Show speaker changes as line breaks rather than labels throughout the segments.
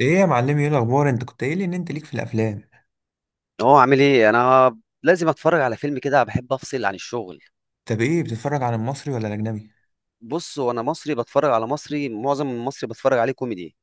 ايه يا معلمي؟ ايه الاخبار؟ انت كنت قايل لي ان انت ليك في الافلام.
هو عامل ايه؟ انا لازم اتفرج على فيلم، كده بحب افصل عن الشغل.
طب، ايه بتتفرج على المصري ولا الاجنبي؟
بص، وانا مصري بتفرج على مصري. معظم المصري بتفرج عليه كوميدي.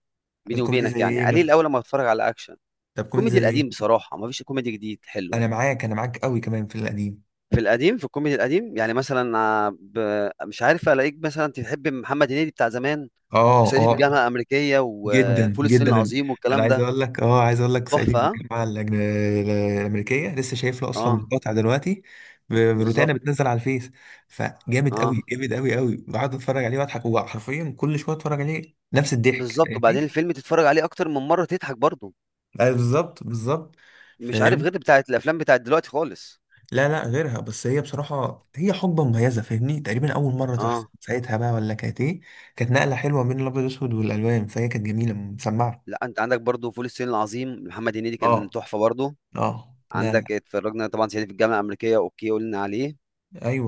بيني
الكوميدي
وبينك
زي
يعني
ايه
قليل،
مثلا؟
اول ما بتفرج على اكشن.
طب كوميدي
كوميدي
زي
القديم،
ايه؟
بصراحه ما فيش كوميدي جديد حلو.
انا معاك، انا معاك قوي كمان في القديم.
في القديم، في الكوميدي القديم، يعني مثلا مش عارف الاقيك. مثلا تحب محمد هنيدي بتاع زمان؟
اه،
صعيدي في
اه.
الجامعه الامريكيه،
جدا
وفول الصين
جدا.
العظيم،
انا
والكلام
عايز
ده.
اقول لك اه عايز اقول لك صعيدي
تحفه،
في
ها؟
الجامعه الامريكيه، لسه شايف له اصلا
اه.
مقاطع دلوقتي. ب- روتانا
بالظبط.
بتنزل على الفيس، فجامد
اه،
قوي، جامد قوي قوي، بقعد اتفرج عليه واضحك، هو حرفيا كل شويه اتفرج عليه نفس الضحك،
بالظبط. وبعدين
فاهمني؟
الفيلم تتفرج عليه اكتر من مره تضحك برضه.
أيوة، بالظبط، بالظبط.
مش عارف
فاهمني؟
غير بتاعت الافلام بتاعت دلوقتي خالص.
لا، لا، غيرها، بس هي بصراحة هي حقبة مميزة، فاهمني؟ تقريبا أول مرة تحصل
اه.
ساعتها، بقى ولا كانت إيه؟ كانت نقلة حلوة بين الأبيض والأسود والألوان، فهي كانت جميلة مسمعة.
لا، انت عندك برضو فول الصين العظيم، محمد هنيدي كان
اه،
تحفه برضو.
اه، لا، لا.
عندك، اتفرجنا طبعا صعيدي في الجامعه الامريكيه، اوكي قلنا عليه.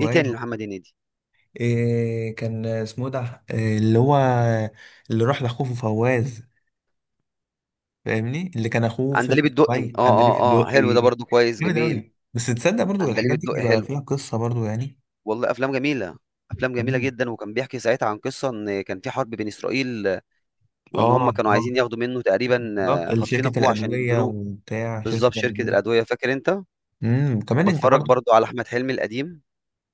ايه تاني
أيوه.
لمحمد هنيدي؟
إيه كان اسمه ده؟ إيه اللي هو؟ اللي راح لأخوه في فواز، فاهمني؟ اللي كان أخوه في
عندليب الدقي،
دبي،
اه،
عندليب
اه، اه، حلو
الدقي.
ده برضو، كويس،
جامد
جميل.
أوي، بس تصدق برضو
عندليب
الحاجات دي
الدقي
بيبقى
حلو.
فيها قصة برضو، يعني.
والله افلام جميله. افلام جميله
مم.
جدا، وكان بيحكي ساعتها عن قصه ان كان في حرب بين اسرائيل، وان
اه،
هم كانوا
اه،
عايزين ياخدوا منه تقريبا،
بالظبط،
خاطفين
شركة
اخوه عشان
الأدوية
يجبروه.
وبتاع شركة
بالظبط، شركه
الأدوية.
الادويه، فاكر انت؟
كمان انت
وبتفرج
برضو.
برضو على احمد حلمي القديم.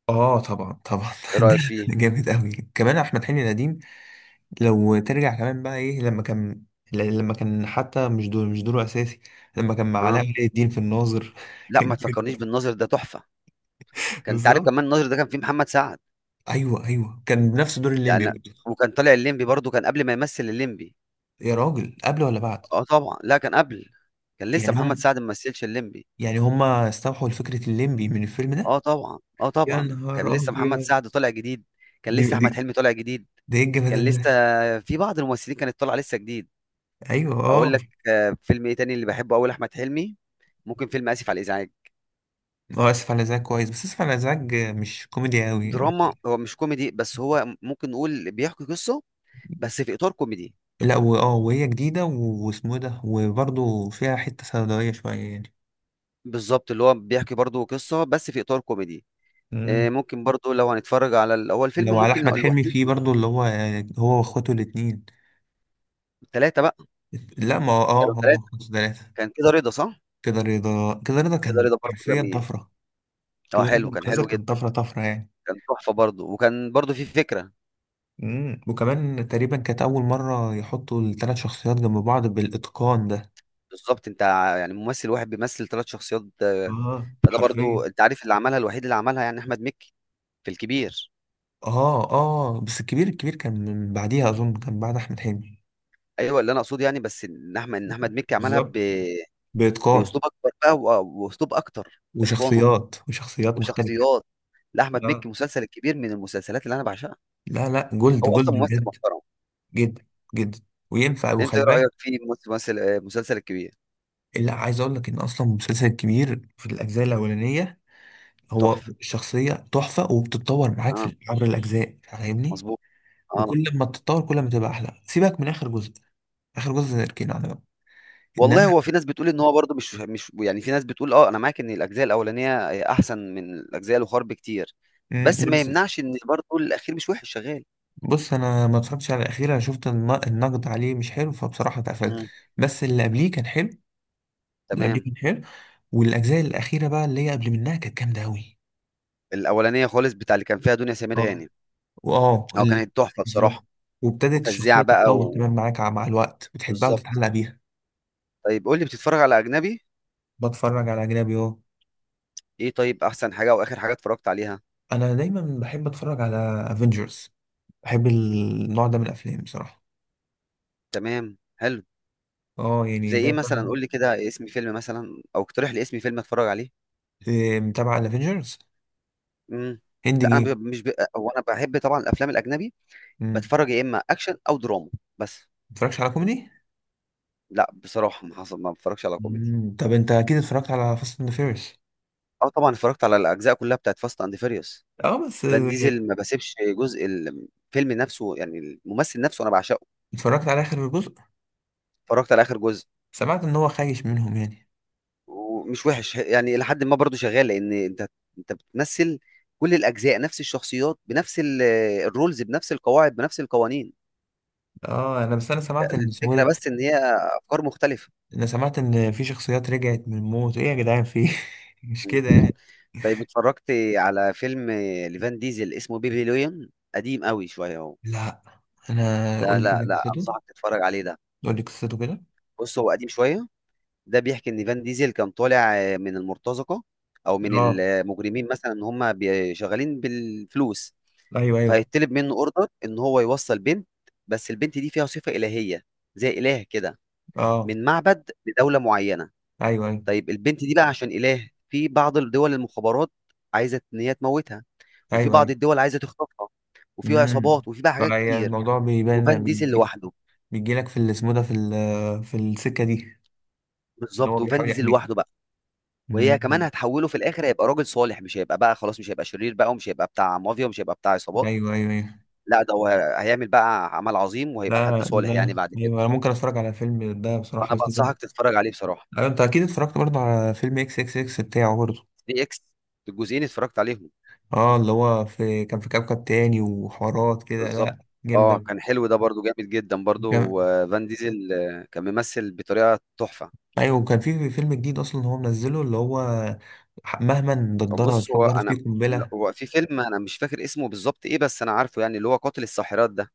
اه، طبعا، طبعا،
ايه رايك
ده
فيه؟
جامد قوي كمان، احمد حلمي القديم. لو ترجع كمان بقى ايه لما كان، لما كان، حتى مش دوره اساسي، لما كان مع علاء
اه.
ولي الدين في الناظر،
لا،
كان
ما
جامد
تفكرنيش
برضه.
بالناظر ده تحفة. أنت عارف
بالظبط،
كمان الناظر ده كان فيه محمد سعد.
ايوه، ايوه، كان نفس دور الليمبي
يعني.
برضه.
وكان طالع الليمبي برضه، كان قبل ما يمثل الليمبي.
يا راجل، قبل ولا بعد؟
آه طبعًا، لأ كان قبل. كان لسه
يعني
محمد
هم
سعد ما مثلش الليمبي.
يعني هم استوحوا لفكرة الليمبي من الفيلم ده.
آه طبعًا، آه
يا
طبعًا، كان
نهار
لسه محمد
ابيض.
سعد طالع جديد. كان
دي
لسه
دي
أحمد حلمي طالع جديد.
ده ايه
كان
الجمدان
لسه
ده؟
في بعض الممثلين كانت طالعة لسه جديد.
ايوه،
أقول
اه،
لك. فيلم إيه تاني اللي باحبه أوي لأحمد حلمي؟ ممكن فيلم آسف على الإزعاج.
اه، اسف على الازعاج كويس، بس اسف على الازعاج مش كوميدي قوي يعني.
دراما. هو مش كوميدي، بس هو ممكن نقول بيحكي قصة بس في إطار كوميدي.
لا، وهي جديدة، واسمه إيه ده، وبرضه فيها حتة سوداوية شوية يعني.
بالظبط، اللي هو بيحكي برضه قصة بس في إطار كوميدي.
مم.
ممكن برضه لو هنتفرج على هو الفيلم
لو على
ممكن لو
أحمد حلمي
الوحيد.
فيه برضه اللي هو، هو وأخواته الاتنين.
ثلاثة بقى.
لا، ما هو- اه
كانوا
هو
ثلاثة.
وأخواته تلاتة.
كان كده رضا، صح؟
كده رضا
كده
كان
رضا برضه
حرفيا
جميل.
طفرة.
اه،
كده
حلو،
رضا
كان
كذا،
حلو
كان
جدا.
طفرة طفرة يعني.
كان تحفة برضه، وكان برضه في فكرة.
مم. وكمان تقريبا كانت أول مرة يحطوا التلات شخصيات جنب بعض بالإتقان ده.
بالظبط، انت يعني ممثل واحد بيمثل ثلاث شخصيات.
اه،
فده
حرفيا.
برضه انت عارف، اللي عملها الوحيد اللي عملها يعني أحمد مكي. في الكبير.
اه، اه، بس الكبير كان من بعديها، أظن كان بعد أحمد حلمي.
ايوه، اللي انا اقصده يعني، بس ان احمد مكي عملها.
بالظبط، بإتقان.
باسلوب اكبر بقى، واسلوب اكتر اتقانا.
وشخصيات مختلفة.
وشخصيات. لاحمد
آه.
مكي مسلسل الكبير من المسلسلات اللي انا بعشقها.
لا، لا، جولد،
هو
جولد،
اصلا ممثل
بجد.
محترم.
جدا، جدا. وينفع،
انت
وخلي
ايه
بالك.
رايك في ممثل مسلسل الكبير؟
لا، عايز اقول لك ان اصلا المسلسل الكبير في الاجزاء الاولانية، هو
تحفه.
الشخصية تحفة، وبتتطور معاك
اه.
في عبر الاجزاء، فاهمني؟
مظبوط. اه.
وكل ما تتطور كل ما تبقى احلى، سيبك من اخر جزء. اخر جزء نركينا على جنب.
والله،
انما،
هو في ناس بتقول ان هو برضه مش يعني. في ناس بتقول، اه، انا معاك ان الاجزاء الاولانيه، احسن من الاجزاء الاخرى بكتير. بس
لا
ما
بس.
يمنعش ان برضه الاخير مش وحش، شغال.
بص، انا ما اتفرجتش على الاخير، انا شفت النقد عليه مش حلو، فبصراحة اتقفلت.
امم.
بس اللي قبليه كان حلو. اللي قبليه
تمام.
كان حلو. والاجزاء الاخيره بقى اللي هي قبل منها كانت جامده قوي.
الاولانيه خالص، بتاع اللي كان فيها دنيا سمير
اه،
غانم.
واه،
اه،
اللي،
كانت تحفه
بالظبط.
بصراحه.
وابتدت الشخصيه
وفزيعه بقى.
تتطور كمان معاك مع الوقت، بتحبها
وبالظبط.
وتتعلق بيها.
طيب، قول لي، بتتفرج على اجنبي؟
بتفرج على اجنبي، اه.
ايه طيب، احسن حاجه واخر حاجه اتفرجت عليها؟
انا دايما بحب اتفرج على افنجرز. بحب النوع ده من الافلام بصراحه.
تمام، حلو.
اه، يعني
زي
ده
ايه
ده
مثلا؟ قول لي كده اسم فيلم مثلا، او اقترح لي اسم فيلم اتفرج عليه.
إيه، متابع على افنجرز.
امم.
هند
لا، انا
جيم.
مش. هو انا بحب طبعا الافلام الاجنبي.
امم.
بتفرج يا اما اكشن، او دراما. بس.
متفرجش على كوميدي؟
لا، بصراحه ما حصل، ما بتفرجش على كوميدي.
مم. طب، انت اكيد اتفرجت على فاست اند فيرس.
اه، طبعا اتفرجت على الاجزاء كلها بتاعت فاست اند فيريوس.
اه، بس
فان ديزل ما بسيبش جزء، الفيلم نفسه يعني الممثل نفسه انا بعشقه.
اتفرجت على اخر جزء.
اتفرجت على اخر جزء.
سمعت ان هو خايش منهم يعني.
ومش وحش يعني، لحد ما برضو شغال، لان انت بتمثل كل الاجزاء نفس الشخصيات، بنفس الرولز، بنفس القواعد، بنفس القوانين.
اه، انا سمعت ان اسمه
الفكره
ده.
بس ان هي افكار مختلفه.
انا سمعت ان في شخصيات رجعت من الموت، ايه يا جدعان، في إيه؟ مش كده يعني؟
طيب اتفرجت على فيلم لفان ديزل اسمه بيبي لويون؟ قديم قوي شويه اهو.
لا، انا، قول
لا،
لي
لا،
كده
لا،
قصته.
انصحك تتفرج عليه ده.
قول لي قصته كده.
بص، هو قديم شويه. ده بيحكي ان فان ديزل كان طالع من المرتزقه، او من
اه،
المجرمين مثلا، ان هم شغالين بالفلوس.
ايوه، ايوه.
فهيطلب منه اوردر ان هو يوصل بنت. بس البنت دي فيها صفة إلهية، زي إله كده،
اه،
من معبد لدولة معينة.
ايوه، ايوه،
طيب البنت دي بقى، عشان إله، في بعض الدول المخابرات عايزة إن هي تموتها، وفي
ايوه،
بعض
ايوه.
الدول عايزة تخطفها، وفي
امم.
عصابات، وفي بقى حاجات
فهي
كتير.
الموضوع
وفان
بيبان،
ديزل
بيجي،
لوحده.
بيجي لك في اللي اسمه ده، في في السكه دي، ان هو
بالظبط، وفان
بيحاول
ديزل
يحميها.
لوحده بقى. وهي كمان
امم.
هتحوله في الآخر، هيبقى راجل صالح، مش هيبقى بقى خلاص، مش هيبقى شرير بقى، ومش هيبقى بتاع مافيا، ومش هيبقى بتاع عصابات.
ايوه، ايوه، ايوه.
لا، ده هو هيعمل بقى عمل عظيم، وهيبقى
لا،
حد
لا،
صالح يعني
لا،
بعد كده.
ايوه، انا ممكن اتفرج على فيلم ده بصراحه،
فأنا
بس كده.
بنصحك تتفرج عليه بصراحة.
ايوه، انت اكيد اتفرجت برضه على فيلم XXX بتاعه برضه؟
دي اكس. الجزئين اتفرجت عليهم.
اه، اللي هو في كان في كوكب تاني وحوارات كده،
بالظبط.
لا، جامد
اه،
أوي.
كان حلو ده برضو، جامد جدا برضو،
كان-
فان ديزل كان ممثل بطريقه تحفه.
ايوه، وكان في فيلم جديد اصلا هو منزله اللي هو، مهما
طب
ندرها
بص، هو
اتفجرت فيه
انا.
قنبله.
هو في فيلم انا مش فاكر اسمه بالظبط ايه، بس انا عارفه يعني، اللي هو قاتل الساحرات ده.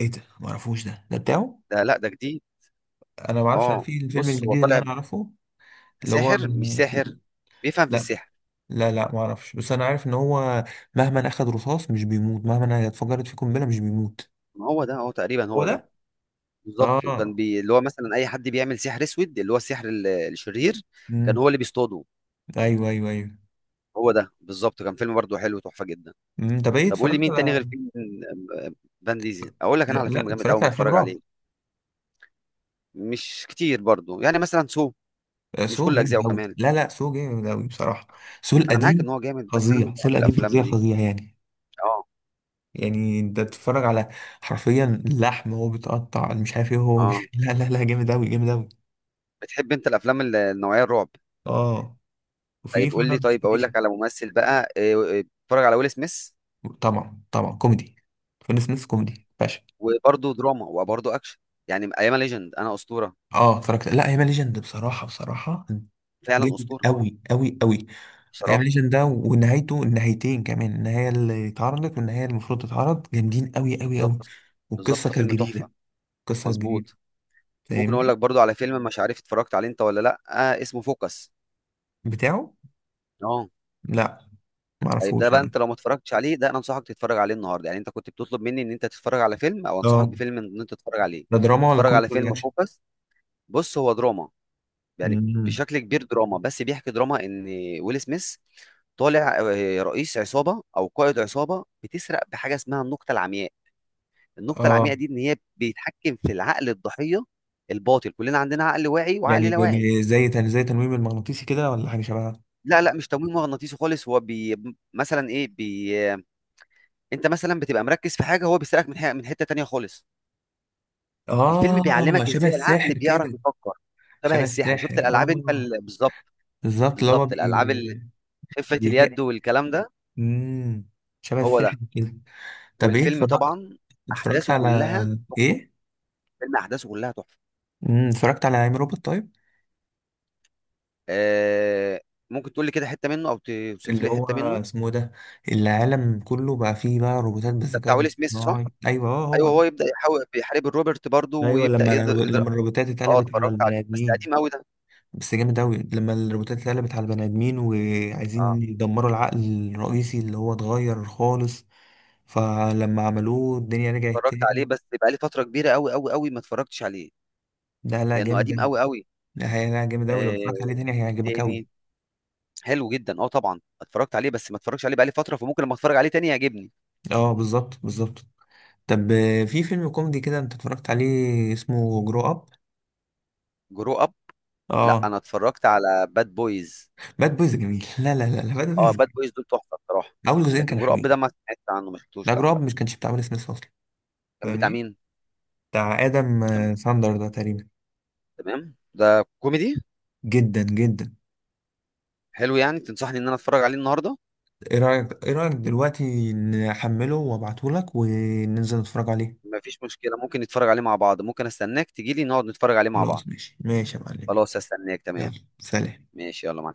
ايه ده؟ ما اعرفوش ده بتاعه.
ده، لا ده جديد.
انا ما اعرفش، انا
اه،
في الفيلم
بص، هو
الجديد اللي
طالع
انا اعرفه، اللي هو.
ساحر، مش ساحر، بيفهم في
لا،
السحر.
لا، لا، ما اعرفش، بس انا عارف ان هو مهما اخد رصاص مش بيموت، مهما اتفجرت فيه قنبله مش بيموت.
ما هو ده، هو تقريبا
هو
هو ده.
ده.
بالظبط، وكان
اه.
اللي هو مثلا اي حد بيعمل سحر اسود، اللي هو السحر الشرير، كان
امم.
هو اللي بيصطاده.
ايوه، ايوه، ايوه.
هو ده بالظبط، كان فيلم برضو حلو، تحفه جدا.
طب، ايه
طب قول لي،
اتفرجت
مين تاني غير
على.
فيلم فان ديزل؟ اقول لك انا على
لا،
فيلم جامد قوي
اتفرجت على افلام
متفرج
رعب.
عليه. مش كتير برضو يعني، مثلا سو. مش
سو
كل اجزائه
جامد أوي،
كمان.
لا، لا، سو جامد أوي بصراحة. سو
انا معاك ان
القديم
هو جامد، بس انا مش
فظيع، سو
بحب
القديم فظيع،
الافلام دي.
فظيع يعني.
اه.
يعني انت تتفرج على حرفيا اللحم وهو بيتقطع، مش عارف ايه هو
اه.
لا، لا، لا، جامد أوي، جامد أوي.
بتحب انت الافلام النوعيه الرعب؟
اه، وفي
طيب قول لي،
فاينل
طيب اقول
ديستنيشن.
لك على ممثل بقى إيه، اتفرج على ويل سميث.
طبعا، طبعا، كوميدي. فين سميث كوميدي، باشا.
وبرضه دراما، وبرضه اكشن. يعني ايام ليجند، انا اسطوره.
اه، اتفرجت، لا، ايام ليجند بصراحة، بصراحة
فعلا
جامد
اسطوره.
أوي أوي أوي.
بصراحه.
ايام ليجند ده ونهايته، النهايتين كمان، النهاية اللي اتعرضت والنهاية اللي المفروض تتعرض، جامدين أوي أوي أوي.
بالظبط، بالظبط،
والقصة كانت
الفيلم تحفه.
جديدة. قصة جديدة.
مظبوط. وممكن اقول لك
فاهمني؟
برضو على فيلم، مش عارف اتفرجت عليه انت ولا لا، اسمه فوكس.
بتاعه.
اه.
لا،
طيب ده
معرفوش
بقى،
انا.
انت لو ما اتفرجتش عليه ده، انا انصحك تتفرج عليه النهارده، يعني انت كنت بتطلب مني ان انت تتفرج على فيلم، او
اه،
انصحك بفيلم ان انت تتفرج عليه.
ده دراما ولا
اتفرج
كوميدي
على
ولا
فيلم
اكشن؟
فوكس. بص، هو دراما. يعني
امم.
بشكل كبير دراما، بس بيحكي دراما ان ويل سميث طالع رئيس عصابه، او قائد عصابه بتسرق بحاجه اسمها النقطه العمياء. النقطه
اه،
العمياء دي، ان هي بيتحكم في العقل الضحيه. الباطل، كلنا عندنا عقل واعي وعقل
يعني
لا واعي.
زي تنويم المغناطيسي كده، ولا حاجة شبهها؟
لا، لا، مش تمويل مغناطيسي خالص، هو بي. مثلا ايه، بي. انت مثلا بتبقى مركز في حاجه، هو بيسالك من حته تانية خالص. الفيلم
اه،
بيعلمك
شبه
ازاي العقل
الساحر
بيعرف
كده.
يفكر. شبه
شبه
السحر، شفت
الساحر،
الالعاب انت
اه.
بالظبط.
بالظبط، اللي هو
بالظبط
بي
الالعاب خفه
بي
اليد والكلام ده.
امم شبه
هو ده.
الساحر كده. طب، ايه،
والفيلم
اتفرجت
طبعا
اتفرجت
احداثه
على
كلها.
ايه؟
فيلم احداثه كلها تحفه.
اتفرجت على عم روبوت، طيب؟
آه... ممكن تقول لي كده حته منه، او توصف
اللي
لي
هو
حته منه؟
اسمه إيه ده، العالم كله بقى فيه بقى روبوتات
ده
بالذكاء
بتاع ويل سميث،
الاصطناعي.
صح؟
ايوه، اه، هو
ايوه،
ده.
هو يبدا يحاول، بيحارب الروبرت برضه،
ايوه،
ويبدا
لما
يقدر
لما الروبوتات
اه،
اتقلبت على
اتفرجت
البني
عليه، بس
ادمين،
قديم قوي ده.
بس جامد اوي لما الروبوتات اتقلبت على البني ادمين
اه،
وعايزين يدمروا العقل الرئيسي اللي هو اتغير خالص، فلما عملوه الدنيا رجعت
اتفرجت عليه،
تاني.
بس بقى لي فتره كبيره قوي قوي قوي ما اتفرجتش عليه.
لا، لا،
لانه
جامد
قديم
اوي.
قوي قوي.
لا، لا، جامد اوي، لو
آه،
اتفرجت عليه تاني
مين
هيعجبك اوي.
تاني؟ حلو جدا، اه طبعا اتفرجت عليه، بس ما اتفرجش عليه بقالي فتره، فممكن لما اتفرج عليه تاني يعجبني.
اه، بالظبط، بالظبط. طب، في فيلم كوميدي كده انت اتفرجت عليه اسمه جرو اب؟
جرو اب؟ لا،
اه،
انا اتفرجت على باد بويز.
باد بويز جميل، لا، لا، لا، لا، باد
اه،
بويز
باد
جميل.
بويز دول تحفه بصراحه.
اول جزئين
لكن
كانوا
جرو اب
حلوين.
ده ما سمعت عنه، ما
لا،
شفتوش، لا.
جرو اب مش كانش بتاع ويل سميث اصلا.
كان بتاع
فاهمني؟
مين؟
بتاع ادم
كان.
ساندر ده تقريبا.
تمام، ده كوميدي؟
جدا، جدا.
حلو، يعني تنصحني ان انا اتفرج عليه النهارده؟
ايه رايك دلوقتي نحمله وابعته لك وننزل نتفرج عليه؟
ما فيش مشكله، ممكن نتفرج عليه مع بعض، ممكن استناك تجيلي نقعد نتفرج عليه مع بعض.
خلاص، ماشي، ماشي يا معلمين.
خلاص، استناك، تمام.
يلا، سلام.
ماشي، يلا مع